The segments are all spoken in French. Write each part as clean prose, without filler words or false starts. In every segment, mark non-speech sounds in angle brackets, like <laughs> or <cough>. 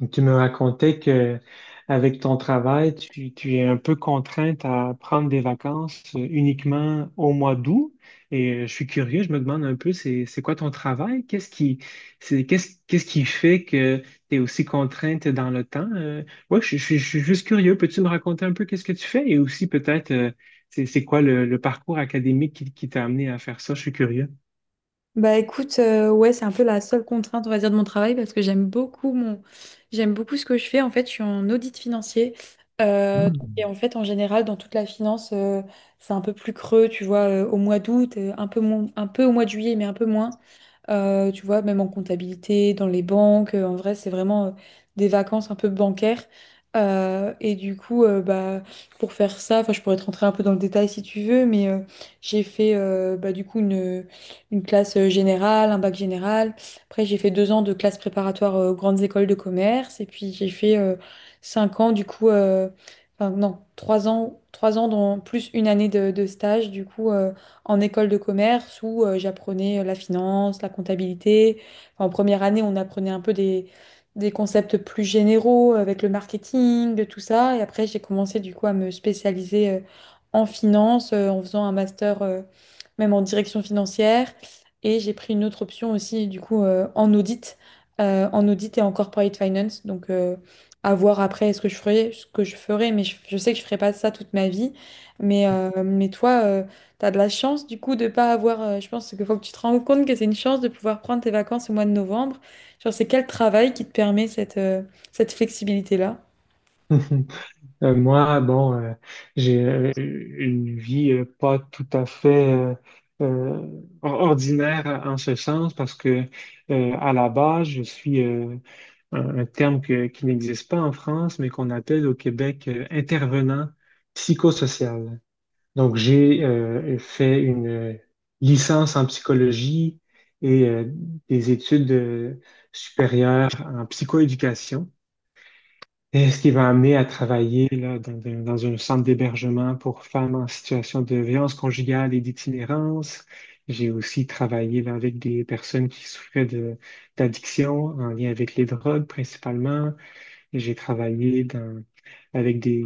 Donc, tu me racontais que avec ton travail, tu es un peu contrainte à prendre des vacances uniquement au mois d'août. Et je suis curieux, je me demande un peu, c'est quoi ton travail? Qu'est-ce qui fait que tu es aussi contrainte dans le temps? Je suis juste curieux. Peux-tu me raconter un peu qu'est-ce que tu fais? Et aussi peut-être, c'est quoi le parcours académique qui t'a amené à faire ça? Je suis curieux. Bah écoute, ouais, c'est un peu la seule contrainte, on va dire, de mon travail parce que j'aime beaucoup ce que je fais. En fait, je suis en audit financier. Euh, et Hmm. en fait, en général, dans toute la finance, c'est un peu plus creux, tu vois, au mois d'août, un peu moins, un peu au mois de juillet, mais un peu moins. Tu vois, même en comptabilité, dans les banques, en vrai, c'est vraiment des vacances un peu bancaires. Et du coup, bah, pour faire ça, enfin, je pourrais te rentrer un peu dans le détail si tu veux, mais j'ai fait bah, du coup, une classe générale, un bac général. Après, j'ai fait 2 ans de classe préparatoire aux grandes écoles de commerce. Et puis, j'ai fait 5 ans, du coup, enfin, non, 3 ans, 3 ans, dans, plus une année de stage, du coup, en école de commerce où j'apprenais la finance, la comptabilité. Enfin, en première année, on apprenait un peu des concepts plus généraux avec le marketing, de tout ça. Et après, j'ai commencé du coup à me spécialiser en finance en faisant un master même en direction financière. Et j'ai pris une autre option aussi, du coup, en audit et en corporate finance. Donc, à voir après ce que je ferai, ce que je ferai, mais je sais que je ferai pas ça toute ma vie. Mais toi, tu as de la chance, du coup, de pas avoir. Je pense qu'il faut que tu te rendes compte que c'est une chance de pouvoir prendre tes vacances au mois de novembre. Genre, c'est quel travail qui te permet cette flexibilité-là? <laughs> Moi, bon, j'ai une vie pas tout à fait ordinaire en ce sens parce que à la base, je suis un terme qui n'existe pas en France, mais qu'on appelle au Québec intervenant psychosocial. Donc, j'ai fait une licence en psychologie et des études supérieures en psychoéducation. Et ce qui va amener à travailler là, dans un centre d'hébergement pour femmes en situation de violence conjugale et d'itinérance. J'ai aussi travaillé là, avec des personnes qui souffraient de d'addiction en lien avec les drogues principalement. Et avec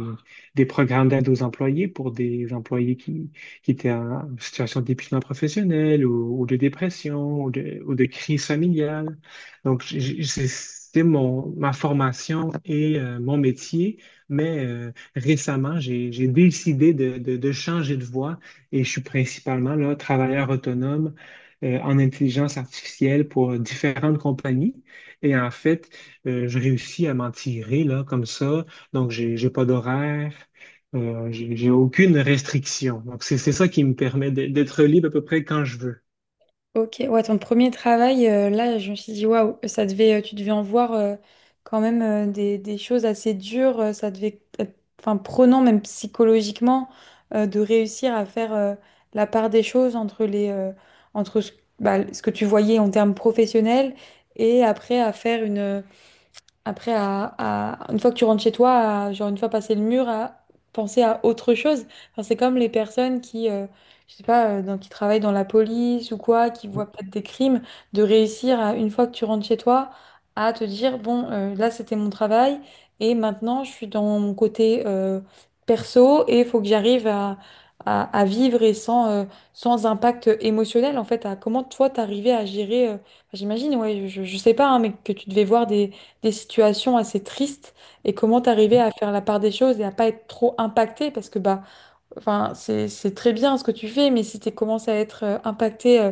des programmes d'aide aux employés pour des employés qui étaient en situation d'épuisement professionnel ou de dépression ou de crise familiale. Donc, c'est ma formation et mon métier, mais récemment, j'ai décidé de changer de voie et je suis principalement là, travailleur autonome en intelligence artificielle pour différentes compagnies. Et en fait, je réussis à m'en tirer là, comme ça. Donc, j'ai pas d'horaire. J'ai aucune restriction. Donc, c'est ça qui me permet d'être libre à peu près quand je veux. Ok, ouais, ton premier travail, là, je me suis dit, waouh, ça devait, tu devais en voir quand même des choses assez dures, ça devait être, enfin, prenant même psychologiquement de réussir à faire la part des choses entre ce que tu voyais en termes professionnels et après à faire une, après, à- une fois que tu rentres chez toi, genre une fois passé le mur, à penser à autre chose. Enfin, c'est comme les personnes qui, je sais pas, qui travaillent dans la police ou quoi, qui voient peut-être des crimes, de réussir à, une fois que tu rentres chez toi, à te dire, bon, là c'était mon travail et maintenant je suis dans mon côté perso et il faut que j'arrive à vivre et sans impact émotionnel, en fait, à comment toi t'arrivais à gérer, enfin, j'imagine, ouais, je sais pas, hein, mais que tu devais voir des situations assez tristes et comment t'arriver à faire la part des choses et à pas être trop impacté parce que bah enfin c'est très bien ce que tu fais mais si tu commences à être impacté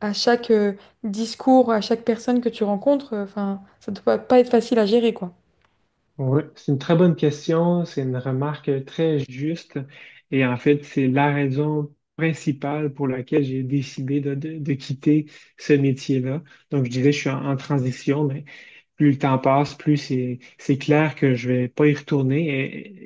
à chaque discours à chaque personne que tu rencontres enfin ça doit pas être facile à gérer quoi. Oui, c'est une très bonne question, c'est une remarque très juste et en fait, c'est la raison principale pour laquelle j'ai décidé de quitter ce métier-là. Donc, je dirais que je suis en transition, plus le temps passe, plus c'est clair que je vais pas y retourner,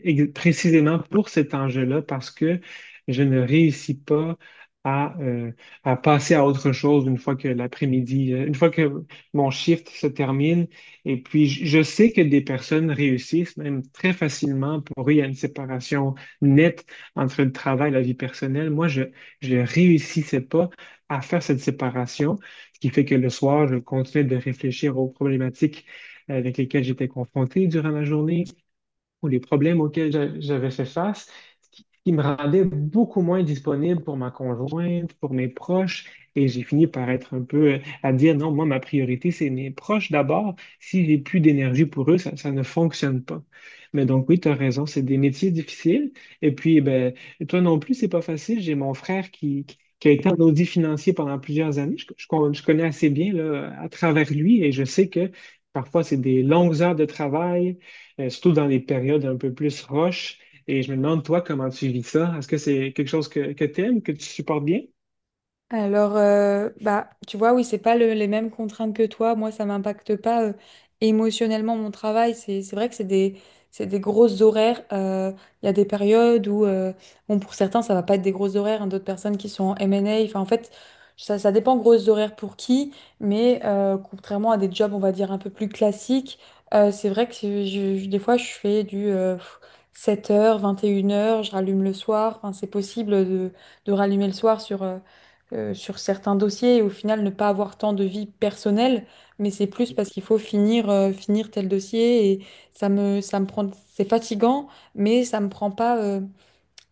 précisément pour cet enjeu-là, parce que je ne réussis pas à, à passer à autre chose une fois que une fois que mon shift se termine. Et puis, je sais que des personnes réussissent même très facilement. Pour eux, il y a une séparation nette entre le travail et la vie personnelle. Moi, je ne réussissais pas à faire cette séparation ce qui fait que le soir, je continuais de réfléchir aux problématiques avec lesquels j'étais confronté durant la journée ou les problèmes auxquels j'avais fait face, ce qui me rendait beaucoup moins disponible pour ma conjointe, pour mes proches, et j'ai fini par être un peu à dire non, moi, ma priorité, c'est mes proches d'abord. Si j'ai plus d'énergie pour eux, ça ne fonctionne pas. Mais donc, oui, tu as raison, c'est des métiers difficiles. Et puis, eh ben, toi non plus, c'est pas facile. J'ai mon frère qui a été en audit financier pendant plusieurs années. Je connais assez bien là, à travers lui et je sais que parfois, c'est des longues heures de travail surtout dans les périodes un peu plus roches. Et je me demande, toi, comment tu vis ça? Est-ce que c'est quelque chose que tu aimes, que tu supportes bien? Alors, bah, tu vois, oui, c'est pas les mêmes contraintes que toi. Moi, ça m'impacte pas émotionnellement mon travail. C'est vrai que c'est des grosses horaires. Il y a des périodes où, bon, pour certains, ça va pas être des grosses horaires, hein. D'autres personnes qui sont en M&A. Enfin, en fait, ça dépend grosses horaires pour qui. Mais contrairement à des jobs, on va dire, un peu plus classiques, c'est vrai que des fois, je fais du 7 heures, 21 heures. Je rallume le soir. Enfin, c'est possible de rallumer le soir sur certains dossiers et au final ne pas avoir tant de vie personnelle, mais c'est plus parce qu'il faut finir, finir tel dossier et ça me prend, c'est fatigant, mais ça me prend pas,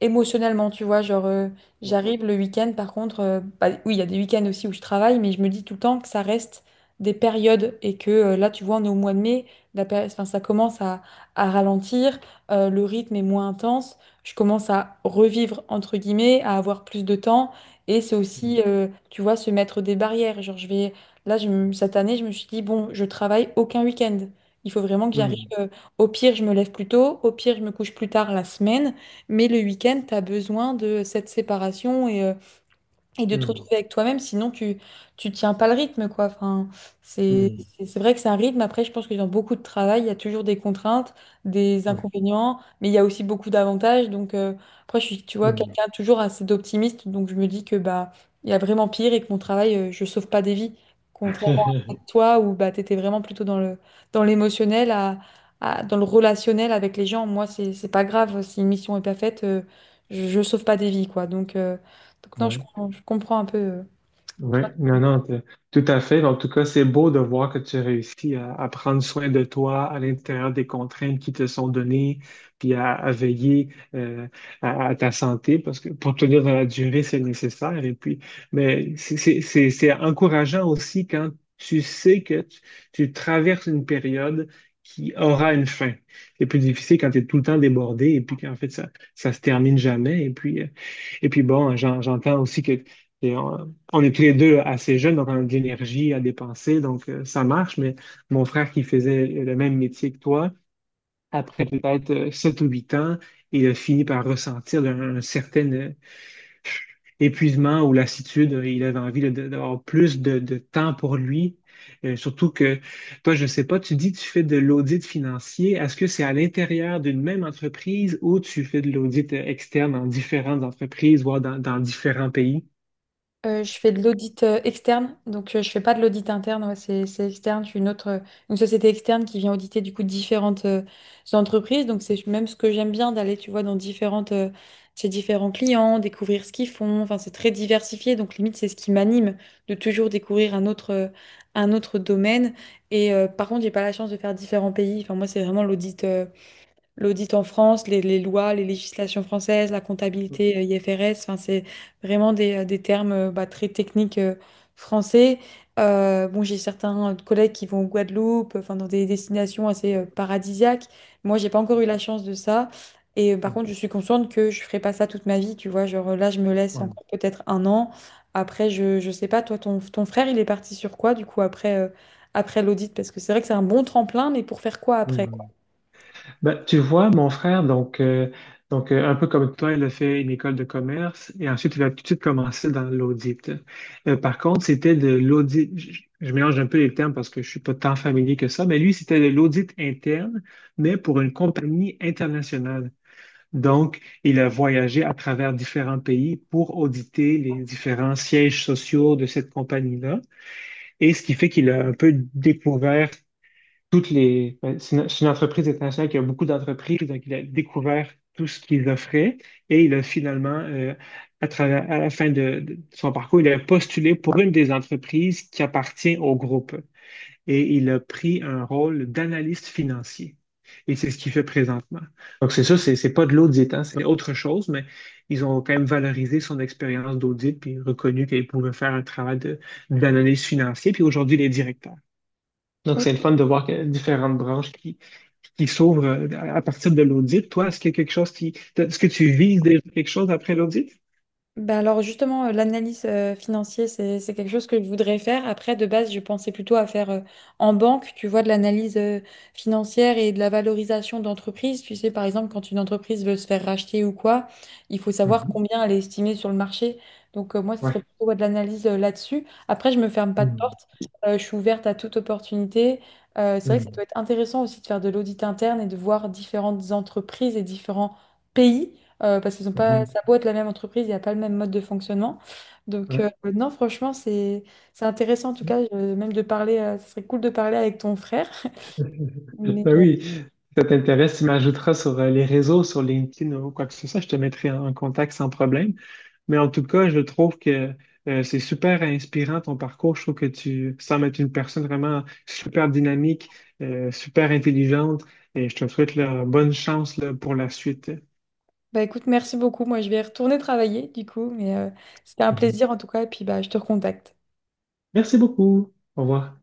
émotionnellement, tu vois. Genre, Ouais. j'arrive le week-end, par contre, bah, oui, il y a des week-ends aussi où je travaille, mais je me dis tout le temps que ça reste des périodes et que là, tu vois, on est au mois de mai, enfin, ça commence à ralentir, le rythme est moins intense, je commence à revivre, entre guillemets, à avoir plus de temps et c'est Mm. aussi, tu vois, se mettre des barrières. Genre, je vais, là, je me- cette année, je me suis dit, bon, je travaille aucun week-end. Il faut vraiment que j'arrive. Mm. Au pire, je me lève plus tôt. Au pire, je me couche plus tard la semaine. Mais le week-end, tu as besoin de cette séparation, et de te Mm. retrouver avec toi-même, sinon tu tiens pas le rythme quoi. Enfin, c'est Mm. c'est vrai que c'est un rythme. Après, je pense que dans beaucoup de travail, il y a toujours des contraintes, des Ouais. inconvénients, mais il y a aussi beaucoup d'avantages. Donc après, je suis tu vois Mm. quelqu'un toujours assez d'optimiste, donc je me dis que bah il y a vraiment pire et que mon travail, je sauve pas des vies, contrairement à <laughs> toi où bah t'étais vraiment plutôt dans le dans l'émotionnel dans le relationnel avec les gens. Moi, c'est pas grave si une mission est pas faite, je sauve pas des vies quoi. Donc Ouais. non, Ouais. Je comprends un peu. euh, Oui, toi. non, non, tout à fait. En tout cas, c'est beau de voir que tu réussis à prendre soin de toi à l'intérieur des contraintes qui te sont données, puis à veiller à ta santé, parce que pour tenir dans la durée, c'est nécessaire. Et puis, mais c'est encourageant aussi quand tu sais que tu traverses une période qui aura une fin. C'est plus difficile quand tu es tout le temps débordé et puis qu'en fait, ça se termine jamais. Et puis bon, j'entends aussi que et on est tous les deux assez jeunes, donc on a de l'énergie à dépenser, donc ça marche. Mais mon frère qui faisait le même métier que toi, après peut-être sept ou huit ans, il a fini par ressentir certain épuisement ou lassitude, il avait envie là, d'avoir plus de temps pour lui. Surtout que, toi, je ne sais pas, tu dis que tu fais de l'audit financier. Est-ce que c'est à l'intérieur d'une même entreprise ou tu fais de l'audit externe dans différentes entreprises, voire dans différents pays? Je fais de l'audit externe, donc je fais pas de l'audit interne, ouais, c'est externe. Je suis une société externe qui vient auditer du coup différentes entreprises. Donc c'est même ce que j'aime bien d'aller, tu vois, dans différentes chez différents clients, découvrir ce qu'ils font. Enfin, c'est très diversifié, donc limite c'est ce qui m'anime de toujours découvrir un autre domaine. Et par contre, j'ai pas la chance de faire différents pays. Enfin, moi, c'est vraiment l'audit en France, les lois, les législations françaises, la comptabilité IFRS, enfin, c'est vraiment des termes bah, très techniques français. Bon, j'ai certains collègues qui vont au Guadeloupe, enfin, dans des destinations assez paradisiaques. Moi, j'ai pas encore eu la chance de ça. Et par contre, je suis consciente que je ferai pas ça toute ma vie, tu vois. Genre là, je me laisse Ouais. encore peut-être un an. Après, je sais pas, toi, ton frère, il est parti sur quoi, du coup, après l'audit? Parce que c'est vrai que c'est un bon tremplin, mais pour faire quoi après, quoi? Hmm. Ben, tu vois, mon frère, donc, un peu comme toi, il a fait une école de commerce et ensuite il a tout de suite commencé dans l'audit. Par contre, c'était de l'audit, je mélange un peu les termes parce que je suis pas tant familier que ça, mais lui, c'était de l'audit interne, mais pour une compagnie internationale. Donc, il a voyagé à travers différents pays pour auditer les différents sièges sociaux de cette compagnie-là. Et ce qui fait qu'il a un peu découvert toutes les, ben, c'est une entreprise internationale qui a beaucoup d'entreprises, donc il a découvert tout ce qu'ils offraient et il a finalement, à travers, à la fin de son parcours, il a postulé pour une des entreprises qui appartient au groupe et il a pris un rôle d'analyste financier. Et c'est ce qu'il fait présentement. Donc, c'est ça, c'est pas de l'audit, hein, c'est autre chose, mais ils ont quand même valorisé son expérience d'audit puis reconnu qu'il pouvait faire un travail d'analyse financière. Puis aujourd'hui, il est directeur. Donc, c'est le fun de voir que différentes branches qui s'ouvrent à partir de l'audit. Toi, est-ce qu'il y a quelque chose qui... Est-ce que tu vises déjà quelque chose après l'audit? Ben alors justement, l'analyse financière, c'est quelque chose que je voudrais faire. Après, de base, je pensais plutôt à faire en banque, tu vois, de l'analyse financière et de la valorisation d'entreprise. Tu sais, par exemple, quand une entreprise veut se faire racheter ou quoi, il faut savoir Mhm. combien elle est estimée sur le marché. Donc moi, ce Ouais. serait plutôt ouais, de l'analyse là-dessus. Après, je me ferme pas de Mhm. porte. Je suis ouverte à toute opportunité. C'est vrai que ça Mhm. doit être intéressant aussi de faire de l'audit interne et de voir différentes entreprises et différents pays parce qu'ils ont pas, Mhm. ça a beau être la même entreprise, il n'y a pas le même mode de fonctionnement. Donc, Ouais. Non, franchement, c'est intéressant en tout cas, même de parler, ça serait cool de parler avec ton frère. <laughs> Mais Ben euh, oui, si ça t'intéresse, tu m'ajouteras sur les réseaux, sur LinkedIn ou quoi que ce soit, je te mettrai en contact sans problème. Mais en tout cas, je trouve que c'est super inspirant ton parcours. Je trouve que tu sembles être une personne vraiment super dynamique, super intelligente et je te souhaite la bonne chance là, pour la suite. Bah écoute, merci beaucoup. Moi, je vais retourner travailler du coup, mais c'était un Mhm. plaisir en tout cas, et puis bah, je te recontacte. Merci beaucoup. Au revoir.